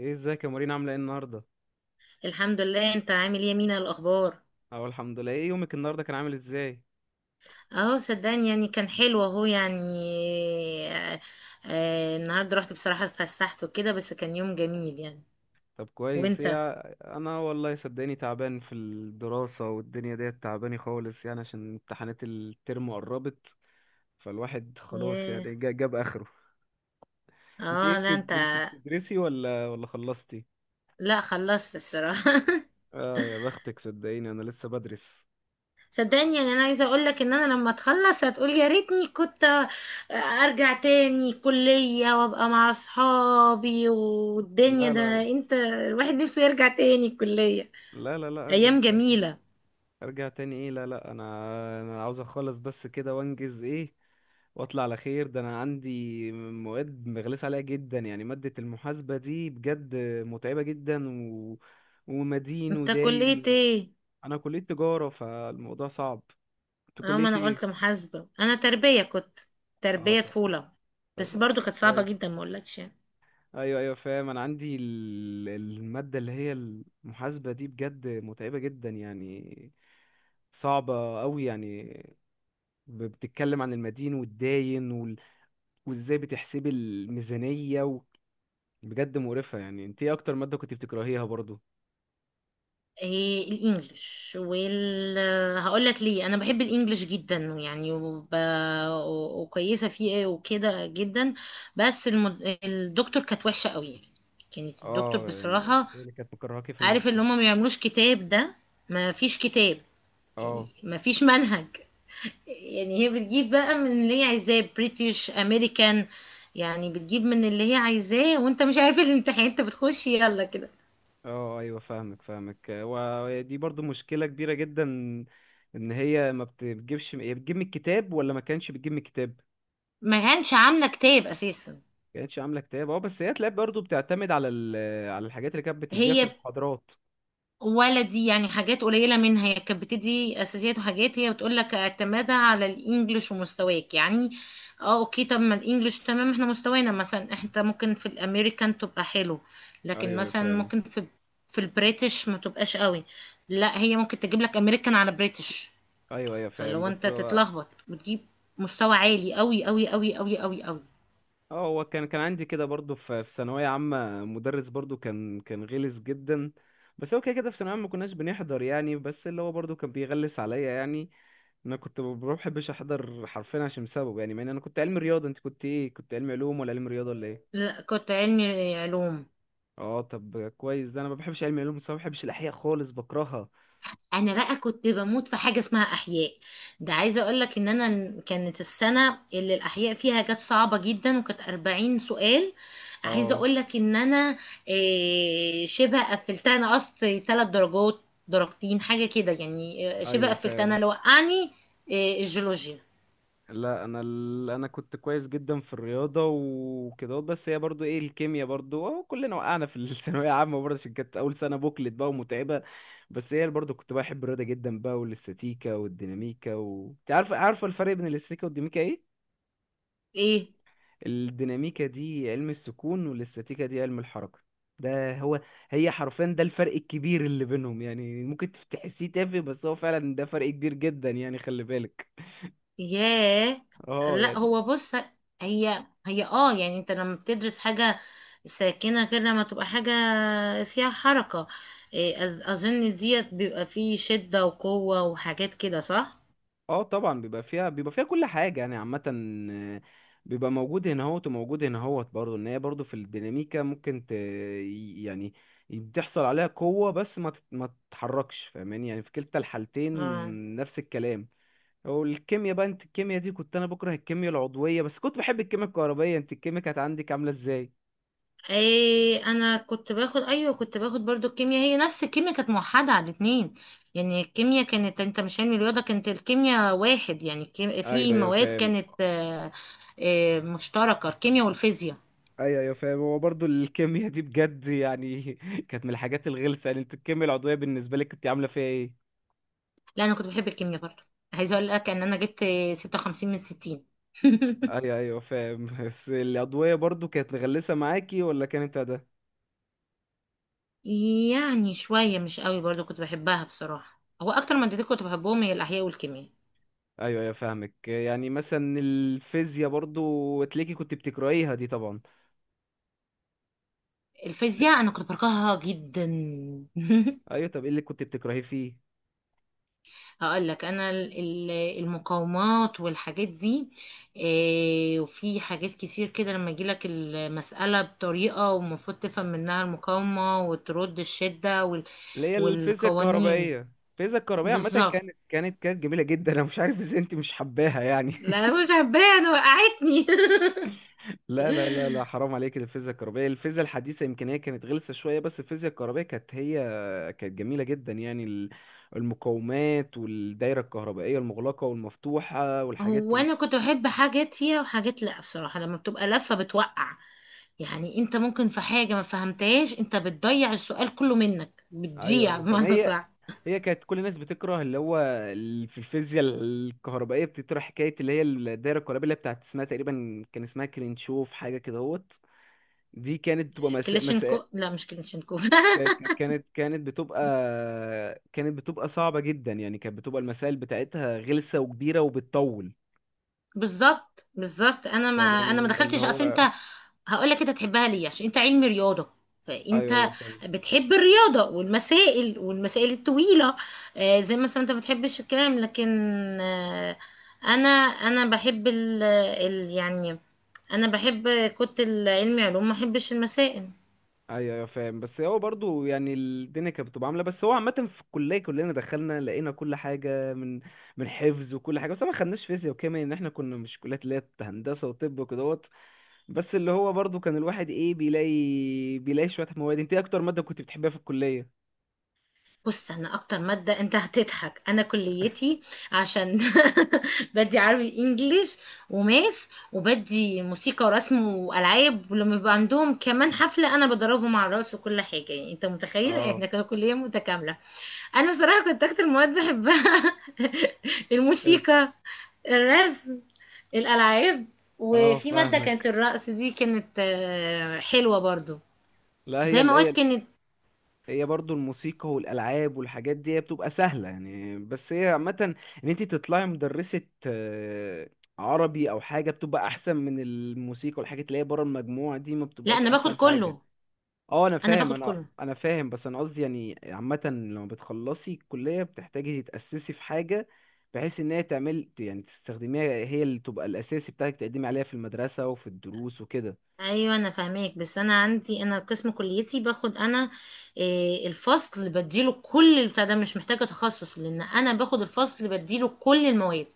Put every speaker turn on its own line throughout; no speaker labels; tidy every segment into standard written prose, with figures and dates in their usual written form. ايه، ازيك يا مارينا؟ عامله ايه النهارده؟
الحمد لله، انت عامل ايه يا مينا؟ الاخبار؟
اهو الحمد لله. ايه يومك النهارده كان عامل ازاي؟
اه صدقني يعني كان حلو اهو يعني. آه النهارده رحت بصراحه اتفسحت وكده، بس كان يوم جميل يعني.
طب كويس،
وانت؟
ايه. انا والله صدقني تعبان في الدراسه، والدنيا ديت تعباني خالص يعني، عشان امتحانات الترم قربت. فالواحد خلاص
ياه.
يعني جاب اخره. انت ايه
اه لا انت.
انت بتدرسي ولا خلصتي؟
لا خلصت بصراحه
اه يا بختك، صدقيني انا لسه بدرس.
صدقني يعني، انا عايزه اقول لك ان انا لما تخلص هتقول يا ريتني كنت ارجع تاني كليه وابقى مع اصحابي، والدنيا
لا لا
ده
لا
انت الواحد نفسه يرجع تاني الكليه.
لا. ارجع
ايام
تاني؟
جميله.
ارجع تاني ايه؟ لا لا، انا عاوز اخلص بس كده وانجز، ايه، واطلع على خير. ده انا عندي مواد مغلس عليها جدا يعني، مادة المحاسبة دي بجد متعبة جدا ومدين
انت كليه
وداين.
ايه؟
انا كلية تجارة، فالموضوع صعب. انت
اه ما
كلية
انا قلت
ايه؟
محاسبة، انا تربية كنت،
اه
تربية
طب،
طفولة.
طب
بس برضو
اه
كانت صعبة
كويس.
جدا ما اقولكش يعني.
ايوه ايوه فاهم، انا عندي المادة اللي هي المحاسبة دي بجد متعبة جدا يعني، صعبة قوي يعني. بتتكلم عن المدين والداين، وازاي بتحسبي الميزانية بجد مقرفة يعني. انت ايه اكتر مادة كنت بتكرهيها برضو؟
إيه؟ الانجليش وال هقول لك ليه. انا بحب الانجليش جدا يعني، وكويسة فيه إيه وكده جدا. بس الدكتور كانت وحشة قوي. كانت الدكتور
اه يعني،
بصراحة
ايه اللي كانت مكرهاكي في المادة؟
عارف اللي هم ما بيعملوش كتاب ده. ما فيش كتاب، يعني
اه،
ما فيش منهج. يعني هي بتجيب بقى من اللي هي عايزاه، بريتش، امريكان. يعني بتجيب من اللي هي عايزاه وانت مش عارف الامتحان، انت بتخش يلا كده.
اه، ايوه فاهمك ودي برضو مشكلة كبيرة جدا. ان هي ما بتجيبش، هي بتجيب من الكتاب ولا ما كانش بتجيب من الكتاب؟
ما كانش عامله كتاب اساسا.
ما كانتش عاملة كتاب، اه، بس هي تلاقي برضو بتعتمد على على الحاجات اللي كانت بتديها في
هي
المحاضرات.
ولا دي يعني حاجات قليله منها. هي كانت بتدي اساسيات وحاجات، هي بتقول لك اعتمادها على الانجليش ومستواك يعني. اه اوكي. طب ما الانجليش تمام، احنا مستوانا مثلا انت ممكن في الامريكان تبقى حلو، لكن
ايوه ايوه
مثلا
فاهم.
ممكن في البريتش ما تبقاش قوي. لا هي ممكن تجيب لك امريكان على بريتش،
ايوه ايوه
فاللي
فاهم.
هو انت
بس هو،
تتلخبط. بتجيب مستوى عالي قوي قوي قوي قوي قوي قوي.
اه، هو كان عندي كده برضو في في ثانوية عامة مدرس برضو كان غلس جدا، بس هو كده كده في ثانوية عامة ما كناش بنحضر يعني، بس اللي هو برضو كان بيغلس عليا يعني. انا كنت ما بحبش احضر حرفيا عشان سببه يعني، مع ان انا كنت علمي رياضة. انت كنت ايه؟ كنت علمي علوم ولا علمي رياضة ولا ايه؟
لا كنت علمي علوم.
اه طب كويس، ده انا ما بحبش علمي علوم، بس ما بحبش الاحياء خالص، بكرهها.
انا بقى كنت بموت في حاجه اسمها احياء. ده عايزه اقول لك ان انا كانت السنه اللي الاحياء فيها كانت صعبه جدا، وكانت 40 سؤال. عايزه
اه
اقول لك ان انا شبه قفلتها، انا قصت ثلاث درجات، درجتين حاجه كده يعني. شبه
ايوه
قفلتها، انا
فاهم.
اللي وقعني الجيولوجيا.
لا انا انا كنت كويس جدا في الرياضه وكده، بس هي برضو، ايه، الكيمياء برضو أهو كلنا وقعنا في الثانويه عامه برضه، عشان كانت اول سنه بوكلت بقى ومتعبه. بس هي برضو كنت بحب الرياضه جدا بقى، والاستاتيكا والديناميكا انت عارفه الفرق بين الاستاتيكا والديناميكا ايه؟
ايه؟
الديناميكا دي علم السكون، والاستاتيكا دي علم الحركه. ده هو. هي حرفيا ده الفرق الكبير اللي بينهم يعني، ممكن تحسيه تافه بس هو فعلا ده فرق كبير جدا يعني، خلي بالك.
ياه.
اه
لا
يعني.
هو بص، هي اه يعني، انت لما بتدرس حاجة ساكنة غير لما تبقى حاجة فيها حركة. إيه، أظن ديت بيبقى فيه شدة وقوة وحاجات كده، صح؟
اه طبعا، بيبقى فيها كل حاجة يعني، عامة. آه، بيبقى موجود هنا اهوت وموجود هنا اهوت برضه، ان هي برضه في الديناميكا ممكن يعني بتحصل عليها قوة بس ما تتحركش، فاهماني؟ يعني في كلتا الحالتين
اه.
نفس الكلام. والكيمياء بقى، انت الكيمياء دي، كنت انا بكره الكيمياء العضوية بس كنت بحب الكيمياء الكهربائية. انت الكيمياء كانت عندك عاملة ازاي؟
ايه، انا كنت باخد، ايوه كنت باخد برضو الكيمياء. هي نفس الكيمياء كانت موحدة على الاتنين. يعني الكيمياء كانت، انت مش علم رياضة كانت الكيمياء واحد، يعني
ايوه
في
ايوه
مواد
فاهم.
كانت مشتركة، الكيمياء والفيزياء.
ايوه ايوه فاهم. هو برضه الكيمياء دي بجد يعني كانت من الحاجات الغلسة يعني. انت الكيمياء العضوية بالنسبة لك كنت عاملة فيها ايه؟
لا انا كنت بحب الكيمياء برضه. عايزه اقول لك ان انا جبت 56 من 60
ايوه ايوه فاهم. بس الأضوية برضو كانت مغلسة معاكي ولا كانت ده؟
يعني شويه مش قوي، برضه كنت بحبها بصراحه. هو اكتر مادتين كنت بحبهم هي الاحياء والكيمياء.
ايوه ايوه فاهمك. يعني مثلا الفيزياء برضو تلاقي كنت بتكرهيها دي طبعا.
الفيزياء انا كنت بكرهها جدا
ايوه، طب ايه اللي كنت بتكرهيه فيه؟
هقول لك، المقاومات والحاجات دي. إيه، وفي حاجات كتير كده، لما يجي لك المساله بطريقه ومفروض تفهم منها المقاومه وترد الشده
اللي هي الفيزياء
والقوانين.
الكهربائية، الفيزياء الكهربائية عامة
بالظبط.
كانت جميلة جدا، انا مش عارف ازاي انت مش حباها يعني
لا مش حباها، انا وقعتني
لا لا لا لا، حرام عليك، الفيزياء الكهربائية، الفيزياء الحديثة يمكن هي كانت غلسة شوية، بس الفيزياء الكهربائية كانت هي كانت جميلة جدا يعني. المقاومات والدايرة الكهربائية المغلقة والمفتوحة والحاجات
هو انا كنت بحب حاجات فيها وحاجات لا، بصراحة لما بتبقى لفة بتوقع. يعني انت ممكن في حاجة ما فهمتهاش، انت بتضيع السؤال كله منك،
ايوه
بتضيع
ايوه، فما
بمعنى
هي
صح.
هي كانت كل الناس بتكره اللي هو في الفيزياء الكهربائية بتطرح حكاية اللي هي الدايرة الكهربائية اللي هي بتاعت اسمها تقريبا كان اسمها كرينشوف حاجة كده هوت. دي كانت بتبقى مسائل،
كلاشينكو، لا مش كلاشينكو
كانت بتبقى كانت بتبقى صعبة جدا يعني، كانت بتبقى المسائل بتاعتها غلسة وكبيرة وبتطول.
بالظبط، بالظبط. انا ما
فاهماني اللي
دخلتش اصل
هو.
انت. هقول لك، انت تحبها ليه؟ عشان انت علمي رياضه،
ايوه ايوه
فانت
فاهم.
بتحب الرياضه والمسائل والمسائل الطويله. زي مثلا انت ما بتحبش الكلام، لكن آه، انا بحب يعني انا بحب كنت العلمي علوم، ما احبش المسائل.
ايوه ايوه فاهم. بس هو برضو يعني الدنيا كانت بتبقى عاملة. بس هو عامة في الكلية كلنا دخلنا لقينا كل حاجة من من حفظ وكل حاجة، بس ما خدناش فيزياء وكيمياء ان احنا كنا مش كليات اللي هي هندسة وطب وكدهوت. بس اللي هو برضو كان الواحد، ايه، بيلاقي شوية مواد. انت ايه اكتر مادة كنت بتحبها في الكلية؟
بص، انا اكتر ماده انت هتضحك، انا كليتي عشان بدي عربي انجليش وماس، وبدي موسيقى ورسم والعاب، ولما بيبقى عندهم كمان حفله انا بدربهم على الرقص وكل حاجه. يعني انت متخيل
اه،
احنا كنا كليه متكامله. انا صراحه كنت اكتر مواد بحبها
كانت،
الموسيقى، الرسم، الالعاب.
اه،
وفي ماده كانت
فاهمك.
الرقص، دي كانت حلوه برضو.
لا هي
ده مواد
هي،
كانت.
هي برضو الموسيقى والالعاب والحاجات دي هي بتبقى سهله يعني، بس هي عامه ان انت تطلعي مدرسه، آه، عربي او حاجه، بتبقى احسن من الموسيقى والحاجات اللي هي بره المجموعه دي، ما
لا
بتبقاش
انا باخد
احسن حاجه.
كله.
اه انا
انا
فاهم،
باخد
انا
كله.
انا فاهم، بس انا قصدي يعني عامه لما بتخلصي الكليه بتحتاجي تتاسسي في حاجه، بحيث ان هي تعمل يعني تستخدميها، هي اللي تبقى الاساسي بتاعك تقدمي عليها في المدرسه وفي الدروس وكده.
ايوه انا فاهماك، بس انا عندي، انا قسم كليتي باخد انا. إيه، الفصل اللي بديله كل البتاع ده مش محتاجه تخصص، لان انا باخد الفصل اللي بديله كل المواد.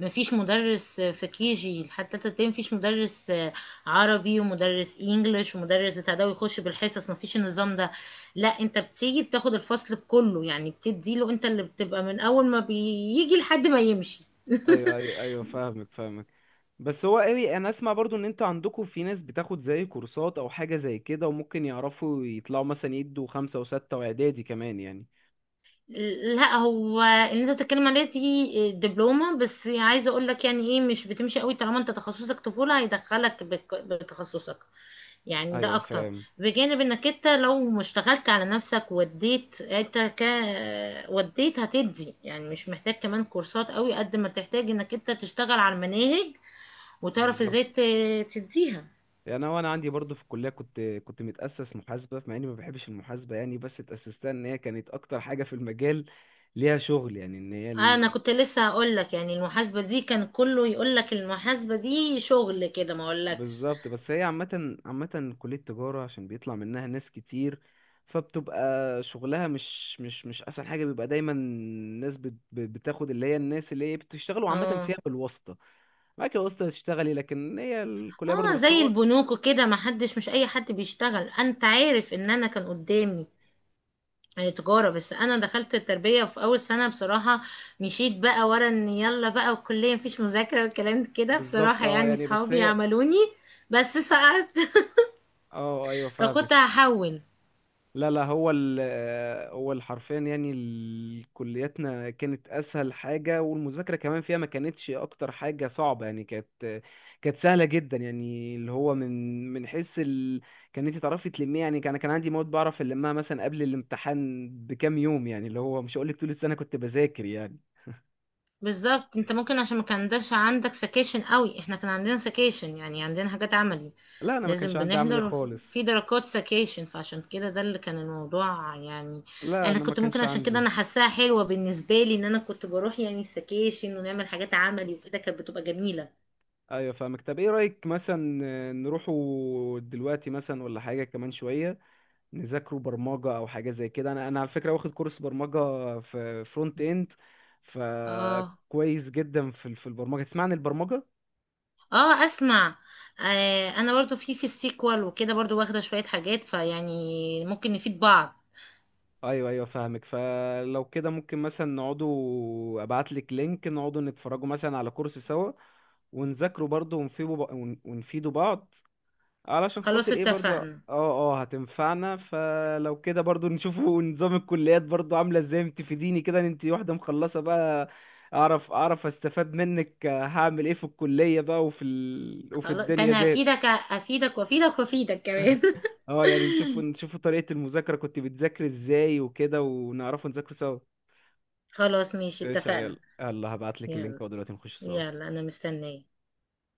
مفيش مدرس في كي جي لحد تالتة ابتدائي مفيش مدرس عربي ومدرس انجليش ومدرس بتاع ده ويخش بالحصص، مفيش النظام ده. لا انت بتيجي بتاخد الفصل كله، يعني بتديله انت، اللي بتبقى من اول ما بيجي لحد ما يمشي.
ايوه، فاهمك. بس هو قوي انا اسمع برضو ان انتوا عندكم في ناس بتاخد زي كورسات او حاجة زي كده، وممكن يعرفوا يطلعوا مثلا يدوا خمسة وستة واعدادي كمان يعني.
لا هو اللي انت بتتكلم عليه دي دبلومة، بس عايزة اقول لك يعني ايه، مش بتمشي قوي طالما انت تخصصك طفولة هيدخلك بتخصصك، يعني ده
ايوه
اكتر.
فاهم.
بجانب انك انت لو ما اشتغلت على نفسك وديت انت ك، وديت هتدي، يعني مش محتاج كمان كورسات قوي قد ما تحتاج انك انت تشتغل على المناهج، وتعرف
بالظبط،
ازاي تديها.
يعني هو انا وانا عندي برضو في الكلية كنت كنت متأسس محاسبة مع اني ما بحبش المحاسبة يعني، بس اتأسستها ان هي كانت اكتر حاجة في المجال ليها شغل يعني، ان هي.
انا كنت لسه هقول لك، يعني المحاسبة دي كان كله يقول لك المحاسبة دي شغل كده ما اقولكش.
بالظبط، بس هي عامة كلية تجارة عشان بيطلع منها ناس كتير، فبتبقى شغلها مش أسهل حاجة، بيبقى دايما الناس بتاخد اللي هي الناس اللي هي بتشتغلوا عامة
اه
فيها بالواسطة. معاك الواسطة تشتغلي، لكن هي الكلية برضه،
اه
بس
زي
هو،
البنوك كده، ما حدش، مش اي حد بيشتغل. انت عارف ان انا كان قدامي تجارة، بس انا دخلت التربية، وفي اول سنة بصراحة مشيت بقى ورا ان يلا بقى والكلية مفيش مذاكرة والكلام كده،
بالظبط،
بصراحة
اه
يعني
يعني. بس
صحابي
هي،
عملوني، بس سقطت
اه ايوه فاهم.
فكنت هحول.
لا لا، هو ال، هو حرفيا يعني، كلياتنا كانت اسهل حاجه، والمذاكره كمان فيها ما كانتش اكتر حاجه صعبه يعني، كانت كانت سهله جدا يعني، اللي هو من من حيث كان انت تعرفي تلميها يعني، كان عندي مواد بعرف المها مثلا قبل الامتحان بكام يوم يعني، اللي هو مش هقول لك طول السنه كنت بذاكر يعني.
بالظبط. انت ممكن عشان ما كانش عندك سكيشن قوي، احنا كان عندنا سكيشن يعني عندنا حاجات عملي،
لا انا ما كانش
لازم
عندي اعمل ايه
بنحضر،
خالص،
في درجات سكيشن، فعشان كده ده اللي كان الموضوع يعني.
لا
انا
انا ما
كنت ممكن
كانش
عشان كده
عندي.
انا حاساها حلوة بالنسبة لي، ان انا كنت بروح يعني السكيشن ونعمل حاجات عملي وكده كانت بتبقى جميلة.
ايوه فاهمك. طب ايه رايك مثلا نروحوا دلوقتي مثلا ولا حاجه كمان شويه نذاكروا برمجة أو حاجة زي كده؟ أنا على فكرة واخد كورس برمجة في فرونت إند،
اه.
فكويس جدا في في البرمجة. تسمع عن البرمجة؟
اه اسمع. آه، انا برضو في السيكوال وكده برضو واخدة شوية حاجات، فيعني ممكن نفيد بعض.
أيوه أيوه فاهمك. فلو كده ممكن مثلا نقعدوا، أبعتلك لينك نقعدوا نتفرجوا مثلا على كورس سوا، ونذاكروا برضه ونفيدوا بعض علشان
خلاص
خاطر ايه برضو، اه
اتفقنا.
اه هتنفعنا. فلو كده برضو نشوفوا نظام الكليات برضو عاملة ازاي، تفيديني كده ان انتي واحدة مخلصة بقى. اعرف استفاد منك، هعمل ايه في الكلية بقى وفي وفي
خلاص، ده
الدنيا
انا
ديت.
افيدك افيدك وافيدك وافيدك كمان
اه يعني نشوفوا طريقة المذاكرة، كنت بتذاكر ازاي وكده، ونعرفوا نذاكر سوا.
خلاص ماشي،
ايش، يلا
اتفقنا.
يلا، هبعتلك اللينك
يلا.
ودلوقتي نخش سوا.
يلا انا مستنية.